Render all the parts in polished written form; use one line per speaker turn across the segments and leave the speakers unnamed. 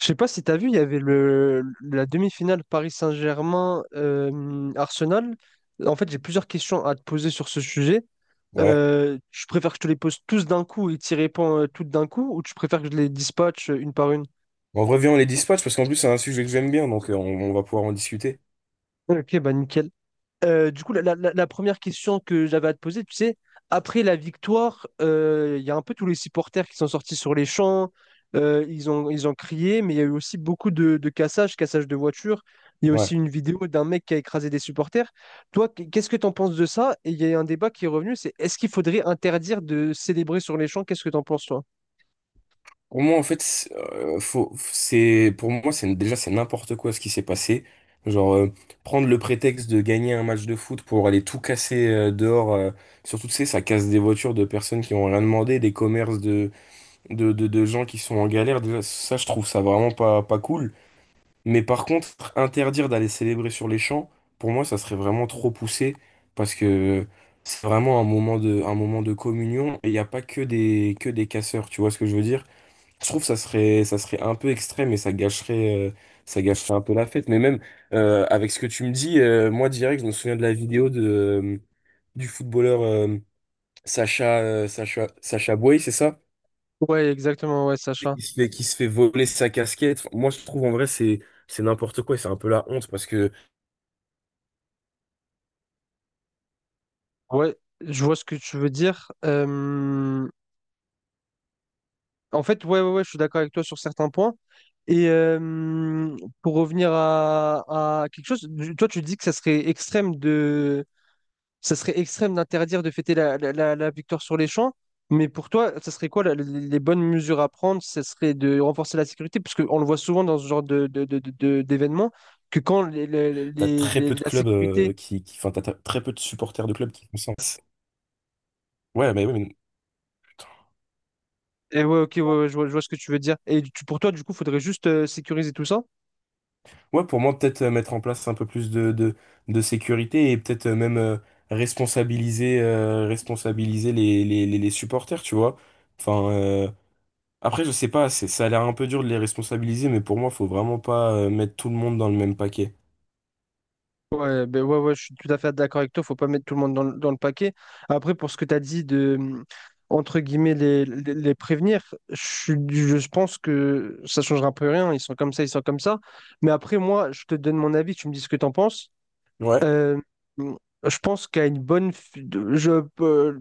Je sais pas si t'as vu, il y avait la demi-finale Paris Saint-Germain Arsenal. En fait, j'ai plusieurs questions à te poser sur ce sujet.
Ouais.
Tu préfères que je te les pose tous d'un coup et t'y réponds toutes d'un coup, ou tu préfères que je les dispatche une par une?
On revient, on les dispatch parce qu'en plus, c'est un sujet que j'aime bien, donc on va pouvoir en discuter.
Ok, bah nickel. Du coup, première question que j'avais à te poser, tu sais, après la victoire, il y a un peu tous les supporters qui sont sortis sur les champs, ils ont crié, mais il y a eu aussi beaucoup de cassages de voitures. Il y a
Ouais.
aussi une vidéo d'un mec qui a écrasé des supporters. Toi, qu'est-ce que tu en penses de ça? Et il y a un débat qui est revenu, c'est est-ce qu'il faudrait interdire de célébrer sur les champs? Qu'est-ce que tu en penses, toi?
Pour moi, en fait, pour moi, c'est, déjà, c'est n'importe quoi ce qui s'est passé. Genre, prendre le prétexte de gagner un match de foot pour aller tout casser dehors, surtout, tu sais, ça casse des voitures de personnes qui ont rien demandé, des commerces de gens qui sont en galère. Déjà, ça, je trouve ça vraiment pas cool. Mais par contre, interdire d'aller célébrer sur les champs, pour moi, ça serait vraiment trop poussé parce que c'est vraiment un moment de communion et il n'y a pas que que des casseurs, tu vois ce que je veux dire? Je trouve que ça serait un peu extrême et ça gâcherait un peu la fête. Mais même avec ce que tu me dis, moi direct, je me souviens de la vidéo du footballeur Sacha Boey, c'est ça?
Ouais, exactement, ouais, Sacha.
Qui se fait voler sa casquette. Enfin, moi, je trouve en vrai, c'est n'importe quoi et c'est un peu la honte parce que.
Ouais, je vois ce que tu veux dire. En fait, ouais, ouais, ouais, je suis d'accord avec toi sur certains points. Et euh, pour revenir à quelque chose, toi, tu dis que ça serait extrême de, ça serait extrême d'interdire de fêter la victoire sur les champs. Mais pour toi, ça serait quoi les bonnes mesures à prendre? Ce serait de renforcer la sécurité, parce qu'on le voit souvent dans ce genre d'événements, que quand
T'as très peu de
la
clubs
sécurité.
enfin, t'as très peu de supporters de clubs qui font ça. Ouais, mais, ouais, mais
Et ouais, ok, ouais, ouais, je vois, ce que tu veux dire. Et pour toi, du coup, faudrait juste sécuriser tout ça?
ouais, pour moi, peut-être mettre en place un peu plus de sécurité et peut-être même responsabiliser, responsabiliser les supporters, tu vois. Enfin, après, je sais pas, c'est, ça a l'air un peu dur de les responsabiliser, mais pour moi, faut vraiment pas mettre tout le monde dans le même paquet.
Ouais, ben ouais, ouais, je suis tout à fait d'accord avec toi. Faut pas mettre tout le monde dans le paquet. Après, pour ce que tu as dit de, entre guillemets, les prévenir, je pense que ça changera un peu rien. Ils sont comme ça, ils sont comme ça. Mais après, moi, je te donne mon avis, tu me dis ce que tu en penses.
Ouais.
Euh, je pense qu'à une bonne, je peux,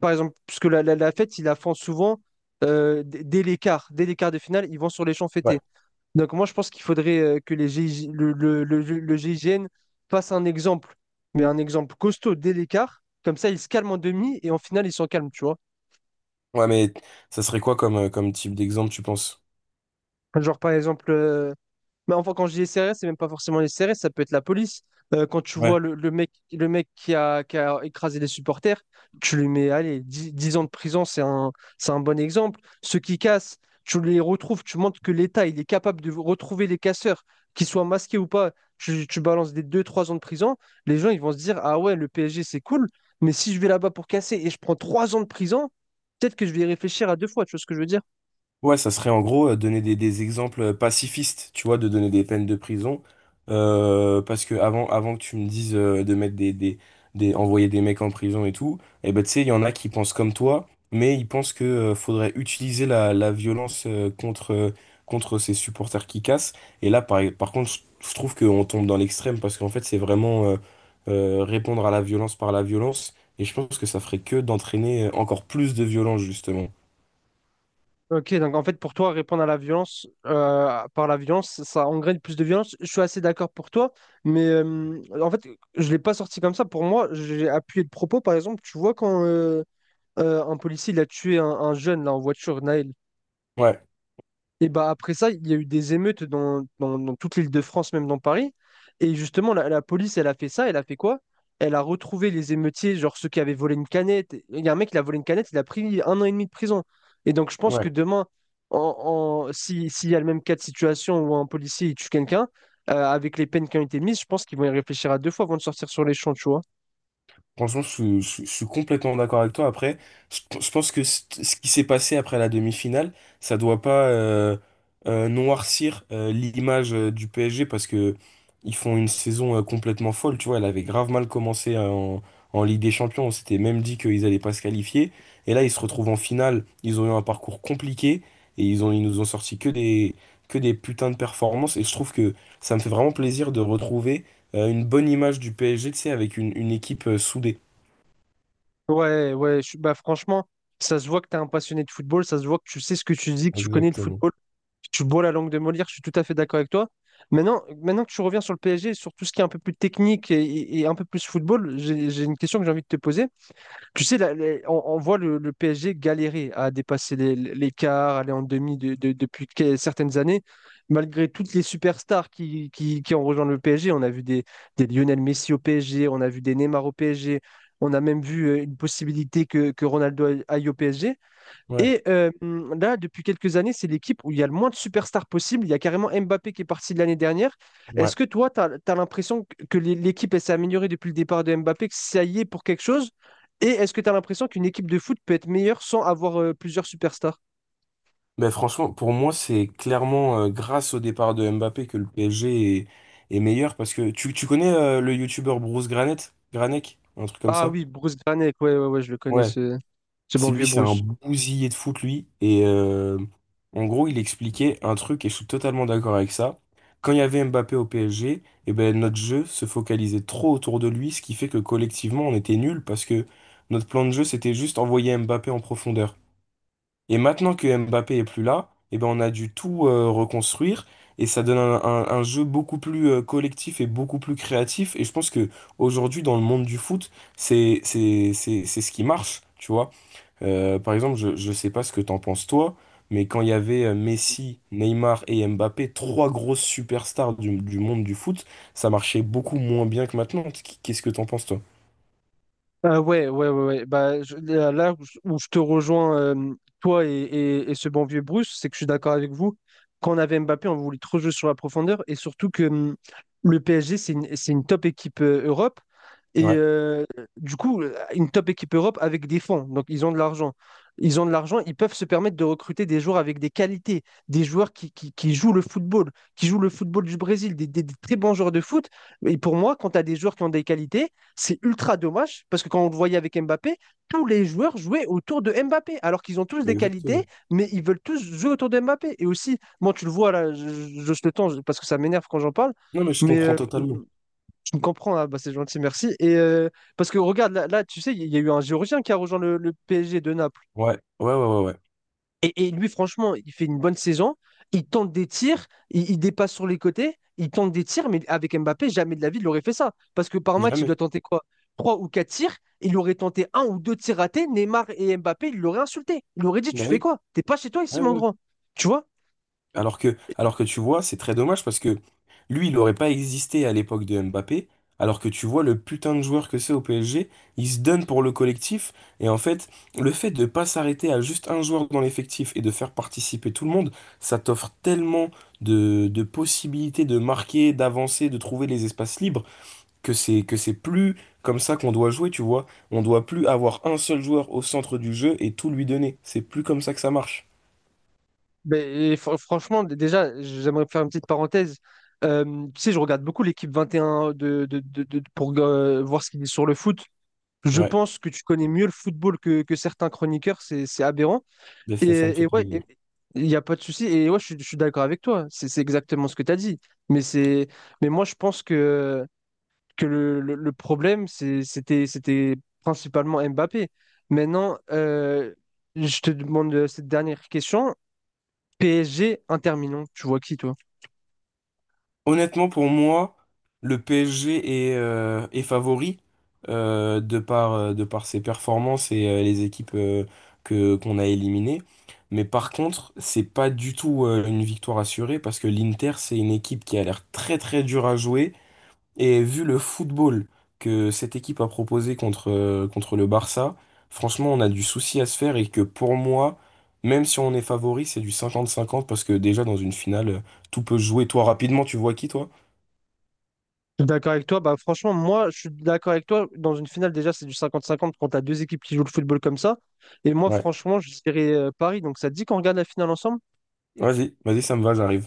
par exemple, parce que la fête, ils la font souvent dès les quarts de finale, ils vont sur les champs
Ouais.
fêtés. Donc moi, je pense qu'il faudrait que les GIG le, le, le, le GIGN fasse un exemple, mais un exemple costaud dès les quarts. Comme ça, ils se calment en demi et en finale, ils sont calmes, tu vois.
Ouais, mais ça serait quoi comme, comme type d'exemple, tu penses?
Genre par exemple. Mais enfin, quand je dis les CRS, c'est même pas forcément les CRS, ça peut être la police. Quand tu vois
Ouais.
le mec qui a écrasé les supporters, tu lui mets, allez, 10 10 ans de prison, c'est un bon exemple. Ceux qui cassent, tu les retrouves, tu montres que l'État, il est capable de retrouver les casseurs, qu'ils soient masqués ou pas. Tu balances des deux trois ans de prison, les gens, ils vont se dire, ah ouais, le PSG, c'est cool, mais si je vais là-bas pour casser et je prends 3 ans de prison, peut-être que je vais y réfléchir à deux fois, tu vois ce que je veux dire?
Ouais, ça serait en gros donner des exemples pacifistes, tu vois, de donner des peines de prison. Parce que avant, avant que tu me dises de mettre envoyer des mecs en prison et tout, eh ben, tu sais, il y en a qui pensent comme toi, mais ils pensent que faudrait utiliser la, la violence contre ces supporters qui cassent. Et là, par contre, je trouve qu'on tombe dans l'extrême parce qu'en fait, c'est vraiment répondre à la violence par la violence. Et je pense que ça ferait que d'entraîner encore plus de violence, justement.
Ok, donc en fait, pour toi, répondre à la violence par la violence, ça engraine plus de violence. Je suis assez d'accord pour toi, mais en fait, je ne l'ai pas sorti comme ça. Pour moi, j'ai appuyé le propos. Par exemple, tu vois, quand un policier il a tué un jeune là, en voiture, Naël.
Ouais,
Et bah après ça, il y a eu des émeutes dans, dans- dans toute l'Île-de-France, même dans Paris. Et justement, la police, elle a fait ça, elle a fait quoi? Elle a retrouvé les émeutiers, genre ceux qui avaient volé une canette. Il y a un mec qui a volé une canette, il a pris 1 an et demi de prison. Et donc je pense que
ouais.
demain, en, en- si, s'il y a le même cas de situation où un policier il tue quelqu'un, avec les peines qui ont été mises, je pense qu'ils vont y réfléchir à deux fois avant de sortir sur les champs, tu vois.
Franchement, je suis complètement d'accord avec toi. Après, je pense que ce qui s'est passé après la demi-finale, ça doit pas noircir l'image du PSG parce que ils font une saison complètement folle. Tu vois, elle avait grave mal commencé en Ligue des Champions. On s'était même dit qu'ils allaient pas se qualifier. Et là, ils se retrouvent en finale. Ils ont eu un parcours compliqué et ils nous ont sorti que des putains de performances. Et je trouve que ça me fait vraiment plaisir de retrouver une bonne image du PSG, tu sais, avec une équipe soudée.
Ouais, ouais, bah franchement, ça se voit que tu es un passionné de football, ça se voit que tu sais ce que tu dis, que tu connais le
Exactement.
football. Tu bois la langue de Molière, je suis tout à fait d'accord avec toi. Maintenant que tu reviens sur le PSG, sur tout ce qui est un peu plus technique un peu plus football, j'ai une question que j'ai envie de te poser. Tu sais, là, on voit le PSG galérer à dépasser l'écart, aller en demi certaines années. Malgré toutes les superstars qui ont rejoint le PSG, on a vu des Lionel Messi au PSG, on a vu des Neymar au PSG, on a même vu une possibilité que Ronaldo aille au PSG.
Ouais,
Et là, depuis quelques années, c'est l'équipe où il y a le moins de superstars possible. Il y a carrément Mbappé qui est parti de l'année dernière. Est-ce
ouais.
que toi, tu as l'impression que l'équipe elle s'est améliorée depuis le départ de Mbappé, que ça y est pour quelque chose? Et est-ce que tu as l'impression qu'une équipe de foot peut être meilleure sans avoir plusieurs superstars?
Ben franchement, pour moi, c'est clairement grâce au départ de Mbappé que le PSG est, est meilleur parce que tu connais le youtubeur Bruce Granet, Granek, un truc comme
Ah
ça?
oui, Bruce Granek, ouais, ouais, ouais, je le connais,
Ouais.
ce bon
C'est
vieux
lui, c'est un
Bruce.
bousillé de foot, lui. Et en gros, il expliquait un truc, et je suis totalement d'accord avec ça. Quand il y avait Mbappé au PSG, eh ben, notre jeu se focalisait trop autour de lui, ce qui fait que collectivement, on était nuls parce que notre plan de jeu, c'était juste envoyer Mbappé en profondeur. Et maintenant que Mbappé est plus là, eh ben, on a dû tout reconstruire, et ça donne un jeu beaucoup plus collectif et beaucoup plus créatif. Et je pense que aujourd'hui, dans le monde du foot, c'est ce qui marche, tu vois. Par exemple, je ne sais pas ce que t'en penses toi, mais quand il y avait Messi, Neymar et Mbappé, trois grosses superstars du monde du foot, ça marchait beaucoup moins bien que maintenant. Qu'est-ce que t'en penses toi?
Ah ouais, ouais, ouais, ouais. Bah, là où je te rejoins, toi et ce bon vieux Bruce, c'est que je suis d'accord avec vous. Quand on avait Mbappé, on voulait trop jouer sur la profondeur et surtout que le PSG, c'est une top équipe Europe. Et
Ouais,
euh, du coup, une top équipe Europe avec des fonds. Donc, ils ont de l'argent. Ils ont de l'argent, ils peuvent se permettre de recruter des joueurs avec des qualités, des joueurs qui jouent le football, qui jouent le football du Brésil, des très bons joueurs de foot. Et pour moi, quand tu as des joueurs qui ont des qualités, c'est ultra dommage parce que quand on le voyait avec Mbappé, tous les joueurs jouaient autour de Mbappé alors qu'ils ont tous des qualités,
exactement.
mais ils veulent tous jouer autour de Mbappé. Et aussi, moi, tu le vois là, je le temps parce que ça m'énerve quand j'en parle,
Non, mais je
mais
comprends totalement.
tu me comprends, hein, bah, c'est gentil, merci. Et parce que regarde, là, tu sais, il y a eu un Géorgien qui a rejoint le PSG de Naples.
Ouais, ouais, ouais, ouais, ouais.
Et lui, franchement, il fait une bonne saison. Il tente des tirs, il dépasse sur les côtés, il tente des tirs, mais avec Mbappé, jamais de la vie, il aurait fait ça. Parce que par match, il
Jamais.
doit tenter quoi? Trois ou quatre tirs, il aurait tenté un ou deux tirs ratés. Neymar et Mbappé, il l'aurait insulté. Il aurait dit, tu
Bah
fais
oui.
quoi? T'es pas chez toi ici,
Ouais,
mon
ouais.
grand. Tu vois?
Alors que tu vois, c'est très dommage parce que lui, il n'aurait pas existé à l'époque de Mbappé, alors que tu vois le putain de joueur que c'est au PSG, il se donne pour le collectif, et en fait, le fait de pas s'arrêter à juste un joueur dans l'effectif et de faire participer tout le monde, ça t'offre tellement de possibilités de marquer, d'avancer, de trouver les espaces libres, que c'est plus comme ça qu'on doit jouer, tu vois. On doit plus avoir un seul joueur au centre du jeu et tout lui donner. C'est plus comme ça que ça marche.
Mais, et franchement, déjà, j'aimerais faire une petite parenthèse. Tu sais, je regarde beaucoup l'équipe 21 pour voir ce qu'il dit sur le foot. Je
Ouais,
pense que tu connais mieux le football que certains chroniqueurs, c'est aberrant.
mais
Et,
ça me fait
ouais,
plaisir.
il n'y a pas de souci. Et ouais, je suis d'accord avec toi. C'est exactement ce que tu as dit. Mais c'est, mais moi, je pense que, le problème, c'était principalement Mbappé. Maintenant, je te demande cette dernière question. PSG, Inter Milan, tu vois qui, toi?
Honnêtement, pour moi, le PSG est, est favori de par ses performances et les équipes qu'on a éliminées. Mais par contre, c'est pas du tout une victoire assurée parce que l'Inter, c'est une équipe qui a l'air très très dure à jouer. Et vu le football que cette équipe a proposé contre le Barça, franchement, on a du souci à se faire et que pour moi, même si on est favori, c'est du cinquante-cinquante parce que déjà dans une finale, tout peut se jouer. Toi, rapidement, tu vois qui, toi?
Je suis d'accord avec toi. Bah, franchement, moi, je suis d'accord avec toi. Dans une finale, déjà, c'est du 50-50 quand tu as deux équipes qui jouent le football comme ça. Et moi,
Ouais.
franchement, je dirais Paris. Donc, ça te dit qu'on regarde la finale ensemble?
Vas-y, vas-y, ça me va, j'arrive.